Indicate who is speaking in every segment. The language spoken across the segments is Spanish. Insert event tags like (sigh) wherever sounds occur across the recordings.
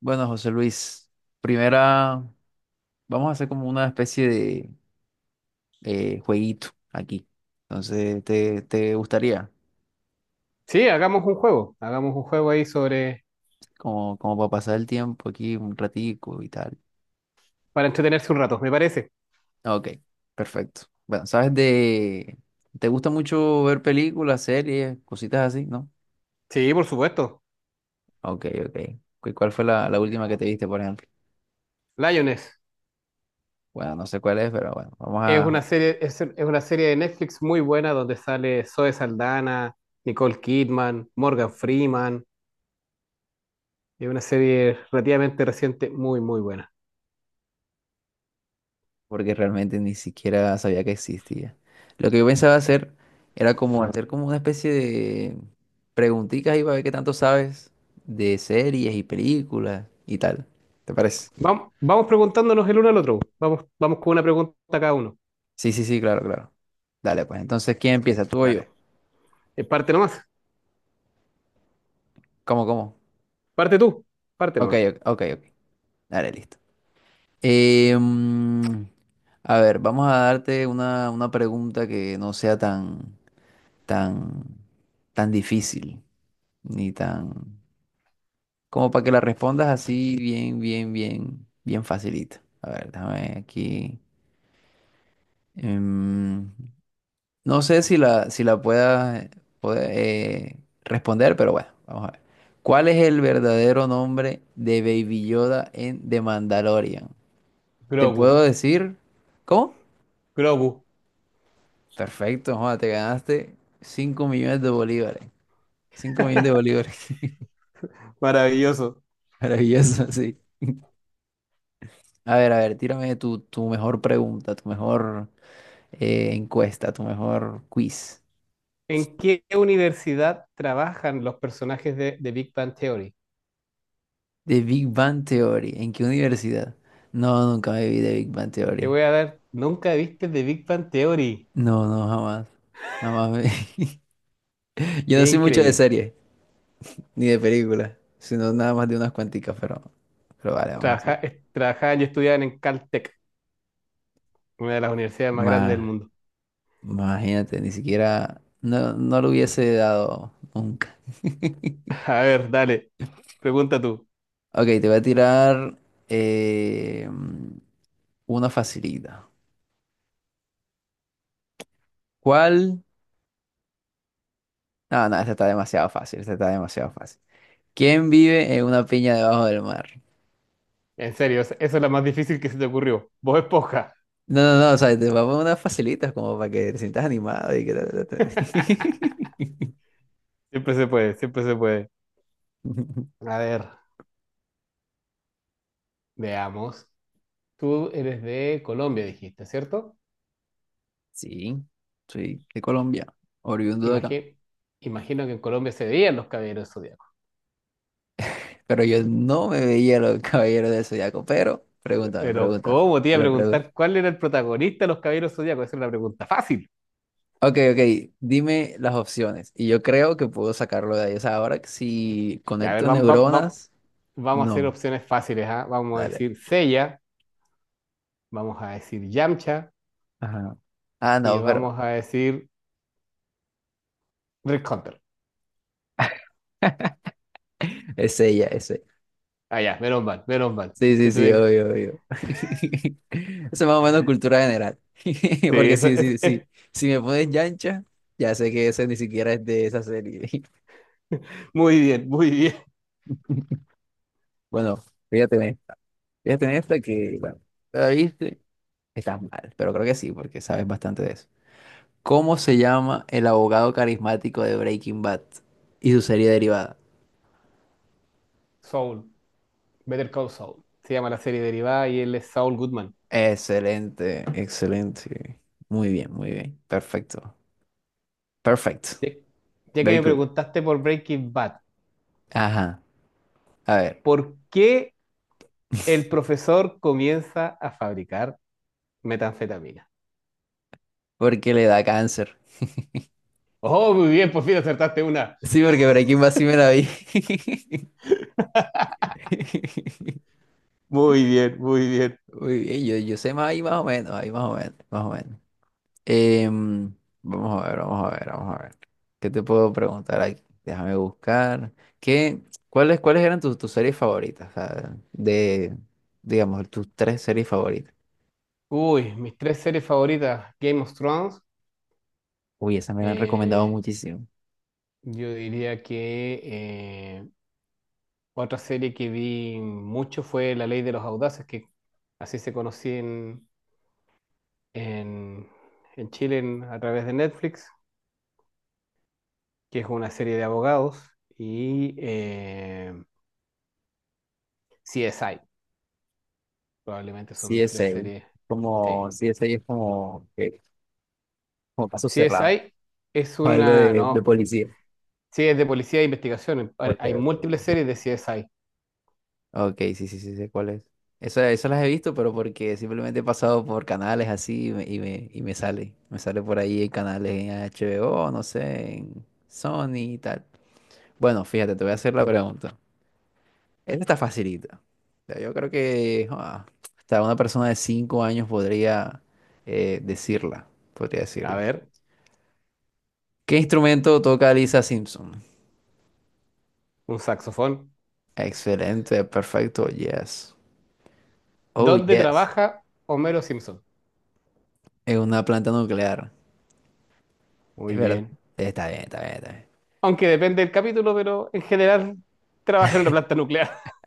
Speaker 1: Bueno, José Luis, primera, vamos a hacer como una especie de jueguito aquí. Entonces, ¿te gustaría?
Speaker 2: Sí, hagamos un juego. Hagamos un juego ahí sobre...
Speaker 1: Como para pasar el tiempo aquí un ratico y tal.
Speaker 2: para entretenerse un rato, me parece.
Speaker 1: Ok, perfecto. Bueno, ¿Te gusta mucho ver películas, series, cositas así, no?
Speaker 2: Sí, por supuesto.
Speaker 1: Ok, ok. ¿Cuál fue la última que te viste, por ejemplo?
Speaker 2: Lioness.
Speaker 1: Bueno, no sé cuál es, pero bueno,
Speaker 2: Es una serie, es una serie de Netflix muy buena donde sale Zoe Saldana, Nicole Kidman, Morgan Freeman. Es una serie relativamente reciente, muy, muy buena.
Speaker 1: porque realmente ni siquiera sabía que existía. Lo que yo pensaba hacer era como hacer como una especie de preguntitas y para ver qué tanto sabes de series y películas y tal. ¿Te parece?
Speaker 2: Vamos, vamos preguntándonos el uno al otro. Vamos, vamos con una pregunta cada uno.
Speaker 1: Sí, sí, sí, claro, claro. Dale, pues entonces, ¿quién empieza? ¿Tú o yo?
Speaker 2: Dale. Parte nomás.
Speaker 1: ¿Cómo, cómo?
Speaker 2: Parte tú. Parte
Speaker 1: Ok,
Speaker 2: nomás.
Speaker 1: ok, ok. Ok. Dale, listo. Eh, mm, a ver, vamos a darte una pregunta que no sea tan, tan, tan difícil, ni tan... Como para que la respondas así bien, bien, bien, bien facilito. A ver, déjame aquí. em, no sé si la puede, responder, pero bueno, vamos a ver. ¿Cuál es el verdadero nombre de Baby Yoda en The Mandalorian? ¿Te
Speaker 2: Grogu.
Speaker 1: puedo decir? ¿Cómo?
Speaker 2: Grogu.
Speaker 1: Perfecto, joda, te ganaste 5 millones de bolívares. 5 millones de bolívares.
Speaker 2: Maravilloso.
Speaker 1: (laughs) Maravilloso, sí. A ver, tírame tu mejor pregunta, tu mejor... encuesta, tu mejor quiz.
Speaker 2: ¿En qué universidad trabajan los personajes de Big Bang Theory?
Speaker 1: The Big Bang Theory. ¿En qué universidad? No, nunca me vi de Big Bang
Speaker 2: Te
Speaker 1: Theory.
Speaker 2: voy a dar, nunca viste The Big Bang Theory.
Speaker 1: No, no, jamás. Jamás me... (laughs) Yo no
Speaker 2: Qué
Speaker 1: soy mucho de
Speaker 2: increíble.
Speaker 1: series, ni de películas, sino nada más de unas cuanticas, pero vale, vamos así. Hacer.
Speaker 2: Trabajaban y estudiaban en Caltech, una de las universidades más grandes del
Speaker 1: Ma-
Speaker 2: mundo.
Speaker 1: imagínate, ni siquiera... No, no lo hubiese dado nunca. (laughs)
Speaker 2: (laughs) A ver, dale, pregunta tú.
Speaker 1: Ok, te voy a tirar eh, una facilita. ¿Cuál? No, no, esta está demasiado fácil, esta está demasiado fácil. ¿Quién vive en una piña debajo del mar?
Speaker 2: En serio, eso es la más difícil que se te ocurrió. Vos esponja.
Speaker 1: No, no, no, o sea, te voy a poner unas facilitas como para que te sientas animado y que... ta, ta, ta.
Speaker 2: Siempre se puede, siempre se puede. A
Speaker 1: (laughs)
Speaker 2: ver, veamos. Tú eres de Colombia, dijiste, ¿cierto?
Speaker 1: Sí, soy de Colombia, oriundo de acá.
Speaker 2: Imagi- imagino que en Colombia se veían los caballeros.
Speaker 1: Pero yo no me veía los caballeros del Zodiaco, pero pregúntame,
Speaker 2: Pero
Speaker 1: pregúntame,
Speaker 2: ¿cómo? Te iba a
Speaker 1: pero pregúntame.
Speaker 2: preguntar cuál era el protagonista de los Caballeros Zodíacos. Esa es una pregunta fácil.
Speaker 1: Ok, ok, dime las opciones y yo creo que puedo sacarlo de ahí. O sea, ahora que si
Speaker 2: Ya, a ver,
Speaker 1: conecto neuronas,
Speaker 2: vamos a hacer
Speaker 1: no,
Speaker 2: opciones fáciles, ¿ah? Vamos a
Speaker 1: dale.
Speaker 2: decir Seiya, vamos a decir Yamcha
Speaker 1: Ajá. Ah,
Speaker 2: y
Speaker 1: no, pero
Speaker 2: vamos a decir Rick Hunter.
Speaker 1: (laughs) es ella, es ella.
Speaker 2: Ah, ya, menos mal, menos mal.
Speaker 1: Sí, sí,
Speaker 2: Te
Speaker 1: sí,
Speaker 2: tuve...
Speaker 1: obvio, obvio. (laughs) Eso es más o menos cultura general. (laughs)
Speaker 2: Sí,
Speaker 1: Porque
Speaker 2: eso
Speaker 1: sí, sí, sí. Si me pones Yancha, ya sé que ese ni siquiera es de esa serie.
Speaker 2: (laughs) Muy bien, muy bien.
Speaker 1: (laughs) Bueno, fíjate en esta. Fíjate en esta que, bueno, la viste, estás mal, pero creo que sí, porque sabes bastante de eso. ¿Cómo se llama el abogado carismático de Breaking Bad y su serie derivada?
Speaker 2: Soul, Better Call Saul. Se llama la serie derivada y él es Saul Goodman.
Speaker 1: Excelente, excelente. Muy bien, muy bien. Perfecto. Perfecto.
Speaker 2: Ya ya que
Speaker 1: Very
Speaker 2: me
Speaker 1: good.
Speaker 2: preguntaste por Breaking Bad,
Speaker 1: Ajá. A ver.
Speaker 2: ¿por qué el profesor comienza a fabricar metanfetamina?
Speaker 1: Porque le da cáncer.
Speaker 2: Oh, muy bien, por fin acertaste una.
Speaker 1: Sí, porque por aquí más sí me la vi. (laughs)
Speaker 2: Muy bien, muy bien.
Speaker 1: Muy bien, yo sé más ahí más o menos, ahí más o menos, más o menos. Em, vamos a ver, vamos a ver, vamos a ver. ¿Qué te puedo preguntar aquí? Déjame buscar. ¿Qué, ¿Cuáles eran tus series favoritas? O sea, digamos, tus tres series favoritas.
Speaker 2: Uy, mis tres series favoritas, Game of Thrones.
Speaker 1: Uy, esas me la han recomendado
Speaker 2: eh,
Speaker 1: muchísimo.
Speaker 2: yo diría que otra serie que vi mucho fue La Ley de los Audaces, que así se conocía en, en Chile a través de Netflix, que es una serie de abogados. Y CSI, probablemente son mis tres
Speaker 1: CSA.
Speaker 2: series. Sí.
Speaker 1: Como CSI es como, como caso cerrado.
Speaker 2: CSI es
Speaker 1: O algo
Speaker 2: una,
Speaker 1: de
Speaker 2: no.
Speaker 1: policía.
Speaker 2: Sí, es de policía e investigación. Hay
Speaker 1: Ok,
Speaker 2: hay
Speaker 1: ok.
Speaker 2: múltiples series
Speaker 1: Ok.
Speaker 2: de CSI.
Speaker 1: Ok, sí, sí, sí, sé cuál es. Eso las he visto, pero porque simplemente he pasado por canales así y me sale. Me sale por ahí en canales en HBO, no sé, en Sony y tal. Bueno, fíjate, te voy a hacer la pregunta. Esta está facilita. O sea, yo creo que hasta una persona de 5 años podría decirla, podría
Speaker 2: A
Speaker 1: decirla.
Speaker 2: ver,
Speaker 1: ¿Qué instrumento toca Lisa Simpson?
Speaker 2: un saxofón.
Speaker 1: Excelente, perfecto, yes. Oh,
Speaker 2: ¿Dónde
Speaker 1: yes.
Speaker 2: trabaja Homero Simpson?
Speaker 1: Es una planta nuclear. Es
Speaker 2: Muy
Speaker 1: verdad.
Speaker 2: bien.
Speaker 1: Está bien, está bien, está
Speaker 2: Aunque depende del capítulo, pero en general trabaja en una planta nuclear. (laughs)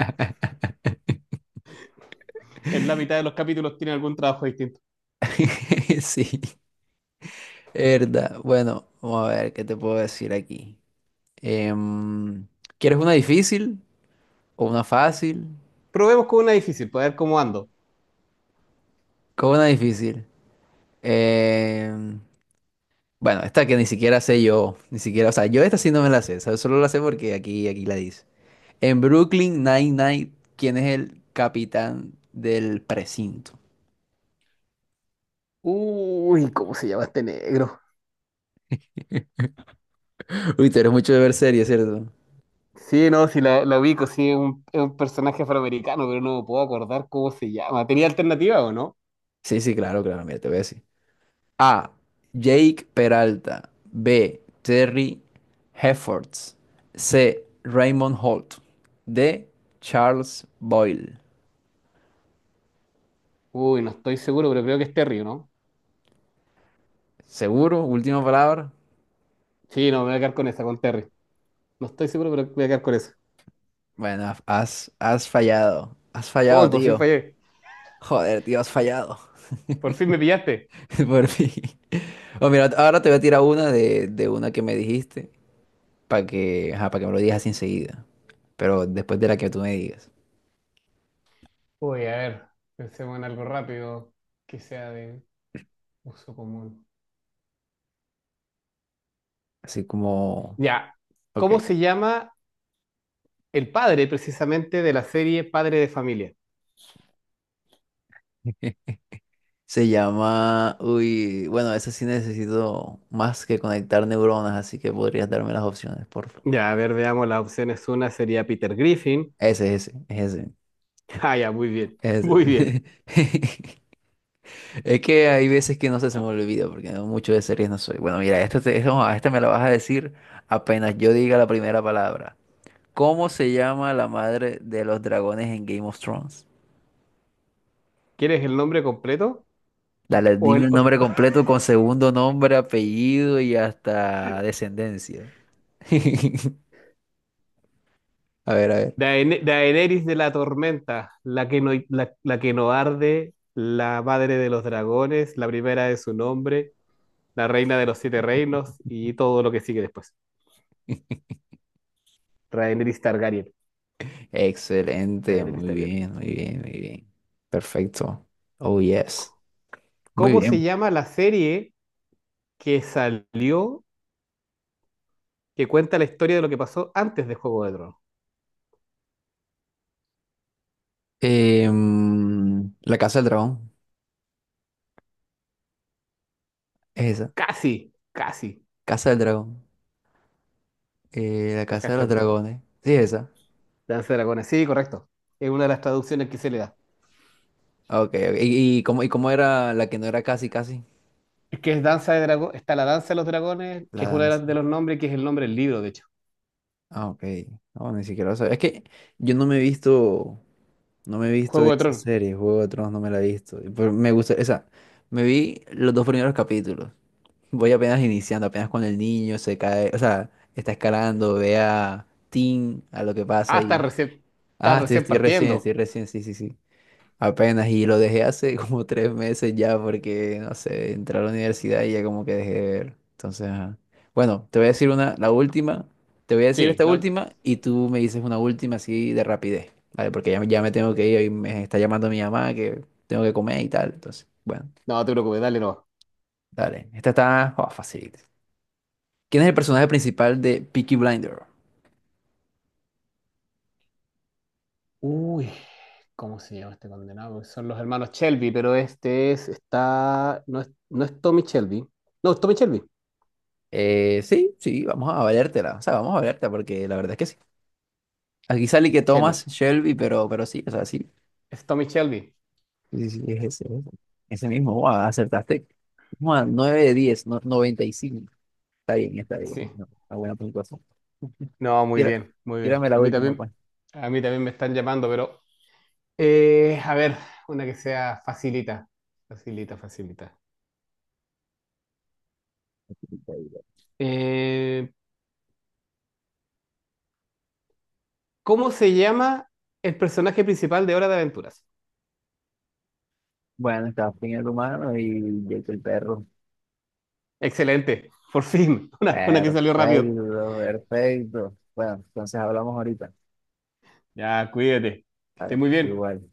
Speaker 2: En la mitad de los capítulos tiene algún trabajo distinto.
Speaker 1: bien. (laughs) Sí, es verdad. Bueno, vamos a ver qué te puedo decir aquí. Em, ¿Quieres una difícil o una fácil?
Speaker 2: Probemos con una difícil, para ver cómo ando.
Speaker 1: ¿Cómo una difícil? Em, bueno, esta que ni siquiera sé yo, ni siquiera, o sea, yo esta sí no me la sé, ¿sabes? Solo la sé porque aquí la dice. En Brooklyn Nine-Nine, ¿quién es el capitán del precinto?
Speaker 2: Uy, ¿cómo se llama este negro?
Speaker 1: Uy, tú eres mucho de ver series, ¿cierto?
Speaker 2: Sí, no, sí la ubico, sí, es un personaje afroamericano, pero no me puedo acordar cómo se llama. ¿Tenía alternativa o no?
Speaker 1: Sí, sí, claro, claro, mira, te voy a decir. A. Jake Peralta. B. Terry Heffords. C. Raymond Holt. D. Charles Boyle.
Speaker 2: Uy, no estoy seguro, pero creo que es Terry, ¿no?
Speaker 1: ¿Seguro? Última palabra.
Speaker 2: Sí, no, me voy a quedar con esa, con Terry. No estoy seguro, pero voy a quedar con eso.
Speaker 1: Bueno, has fallado. Has fallado,
Speaker 2: ¡Oh, por fin
Speaker 1: tío.
Speaker 2: fallé!
Speaker 1: Joder, tío, has fallado.
Speaker 2: ¡Por fin me pillaste!
Speaker 1: (laughs) Por fin. Oh, mira, ahora te voy a tirar una de una que me dijiste para que, ajá, para que me lo digas así enseguida. Pero después de la que tú me digas.
Speaker 2: Uy, a ver, pensemos en algo rápido que sea de uso común.
Speaker 1: Así como...
Speaker 2: Ya,
Speaker 1: Ok.
Speaker 2: ¿cómo se llama el padre precisamente de la serie Padre de Familia?
Speaker 1: Uy, bueno, ese sí necesito más que conectar neuronas, así que podrías darme las opciones, por favor.
Speaker 2: Ya, a ver, veamos las opciones. Una sería Peter Griffin.
Speaker 1: Ese, es ese,
Speaker 2: (laughs) Ah, ya, muy bien, (laughs)
Speaker 1: es
Speaker 2: muy bien.
Speaker 1: ese. (laughs) Es que hay veces que no sé, se me olvida, porque mucho de series no soy. Bueno, mira, esta, esta, no, esta me la vas a decir apenas yo diga la primera palabra. ¿Cómo se llama la madre de los dragones en Game of Thrones?
Speaker 2: ¿Quieres el nombre completo?
Speaker 1: Dale,
Speaker 2: O el
Speaker 1: dime el
Speaker 2: o-
Speaker 1: nombre completo con segundo nombre, apellido y hasta descendencia. (laughs) A ver, a ver.
Speaker 2: Daenerys de la Tormenta, la que no, la que no arde, la madre de los dragones, la primera de su nombre, la reina de los siete reinos y todo lo que sigue después. Rhaenys Targaryen.
Speaker 1: Excelente,
Speaker 2: Rhaenys
Speaker 1: muy
Speaker 2: Targaryen.
Speaker 1: bien, muy bien, muy bien. Perfecto. Oh, yes. Muy
Speaker 2: ¿Cómo se
Speaker 1: bien.
Speaker 2: llama la serie que salió que cuenta la historia de lo que pasó antes de Juego de Tronos?
Speaker 1: La Casa del Dragón, es esa.
Speaker 2: Casi, casi.
Speaker 1: Casa del Dragón. La
Speaker 2: Acá
Speaker 1: Casa de
Speaker 2: es
Speaker 1: los
Speaker 2: el dragón.
Speaker 1: Dragones. Sí, es esa.
Speaker 2: Danza de dragones, sí, correcto. Es una de las traducciones que se le da.
Speaker 1: Ah, Ok, ok. ¿Y cómo era la que no era casi, casi?
Speaker 2: Es que es Danza de Dragón, está la Danza de los Dragones, que
Speaker 1: La
Speaker 2: es uno de,
Speaker 1: danza.
Speaker 2: de los nombres, que es el nombre del libro, de hecho.
Speaker 1: Ah, ok. No, ni siquiera lo sabía. Es que yo no me he visto
Speaker 2: Juego de
Speaker 1: esa
Speaker 2: Tronos.
Speaker 1: serie, Juego de Tronos, no me la he visto. Pero me gusta, esa. Me vi los dos primeros capítulos. Voy apenas iniciando, apenas cuando el niño se cae, o sea, está escalando, ve a Tim, a lo que pasa
Speaker 2: Ah,
Speaker 1: ahí. Ah,
Speaker 2: estás
Speaker 1: estoy,
Speaker 2: recién
Speaker 1: estoy recién,
Speaker 2: partiendo.
Speaker 1: estoy recién, sí, sí, sí. Apenas, y lo dejé hace (laughs) como 3 meses ya porque, no sé, entré a la universidad y ya como que dejé de ver. Entonces, ajá. Bueno, te voy a decir la última, te voy a decir
Speaker 2: Sí,
Speaker 1: esta
Speaker 2: la-
Speaker 1: última y tú me dices una última así de rapidez, ¿vale? Porque ya, ya me tengo que ir y me está llamando mi mamá que tengo que comer y tal. Entonces, bueno,
Speaker 2: no te preocupes, dale no.
Speaker 1: dale. Esta está, oh, fácil. ¿Quién es el personaje principal de Peaky Blinder?
Speaker 2: Uy, ¿cómo se llama este condenado? Porque son los hermanos Shelby, pero este es, está, no es, no es Tommy Shelby. No, es Tommy Shelby.
Speaker 1: Sí, sí, vamos a valértela. O sea, vamos a valértela porque la verdad es que sí. Aquí sale
Speaker 2: Es
Speaker 1: que
Speaker 2: Shelby.
Speaker 1: Thomas Shelby, pero sí, o sea, sí.
Speaker 2: Es Tommy Shelby.
Speaker 1: Sí, sí, sí, es ese, es ese. Ese mismo. Guau, acertaste. Guau, 9 de 10, no, 95. Está bien, está
Speaker 2: Sí.
Speaker 1: bien. No, una buena puntuación. (laughs)
Speaker 2: No, muy
Speaker 1: Tira-
Speaker 2: bien, muy bien.
Speaker 1: tírame la última, pues.
Speaker 2: A mí también me están llamando, pero a ver, una que sea facilita, facilita, facilita. Eh, ¿Cómo se llama el personaje principal de Hora de Aventuras?
Speaker 1: Bueno, está fin el humano y Jake el perro.
Speaker 2: Excelente, por fin, (laughs) una que
Speaker 1: Perfecto,
Speaker 2: salió rápido.
Speaker 1: perfecto. Bueno, entonces hablamos ahorita.
Speaker 2: Ya, cuídate, que esté
Speaker 1: Vale,
Speaker 2: muy bien.
Speaker 1: igual.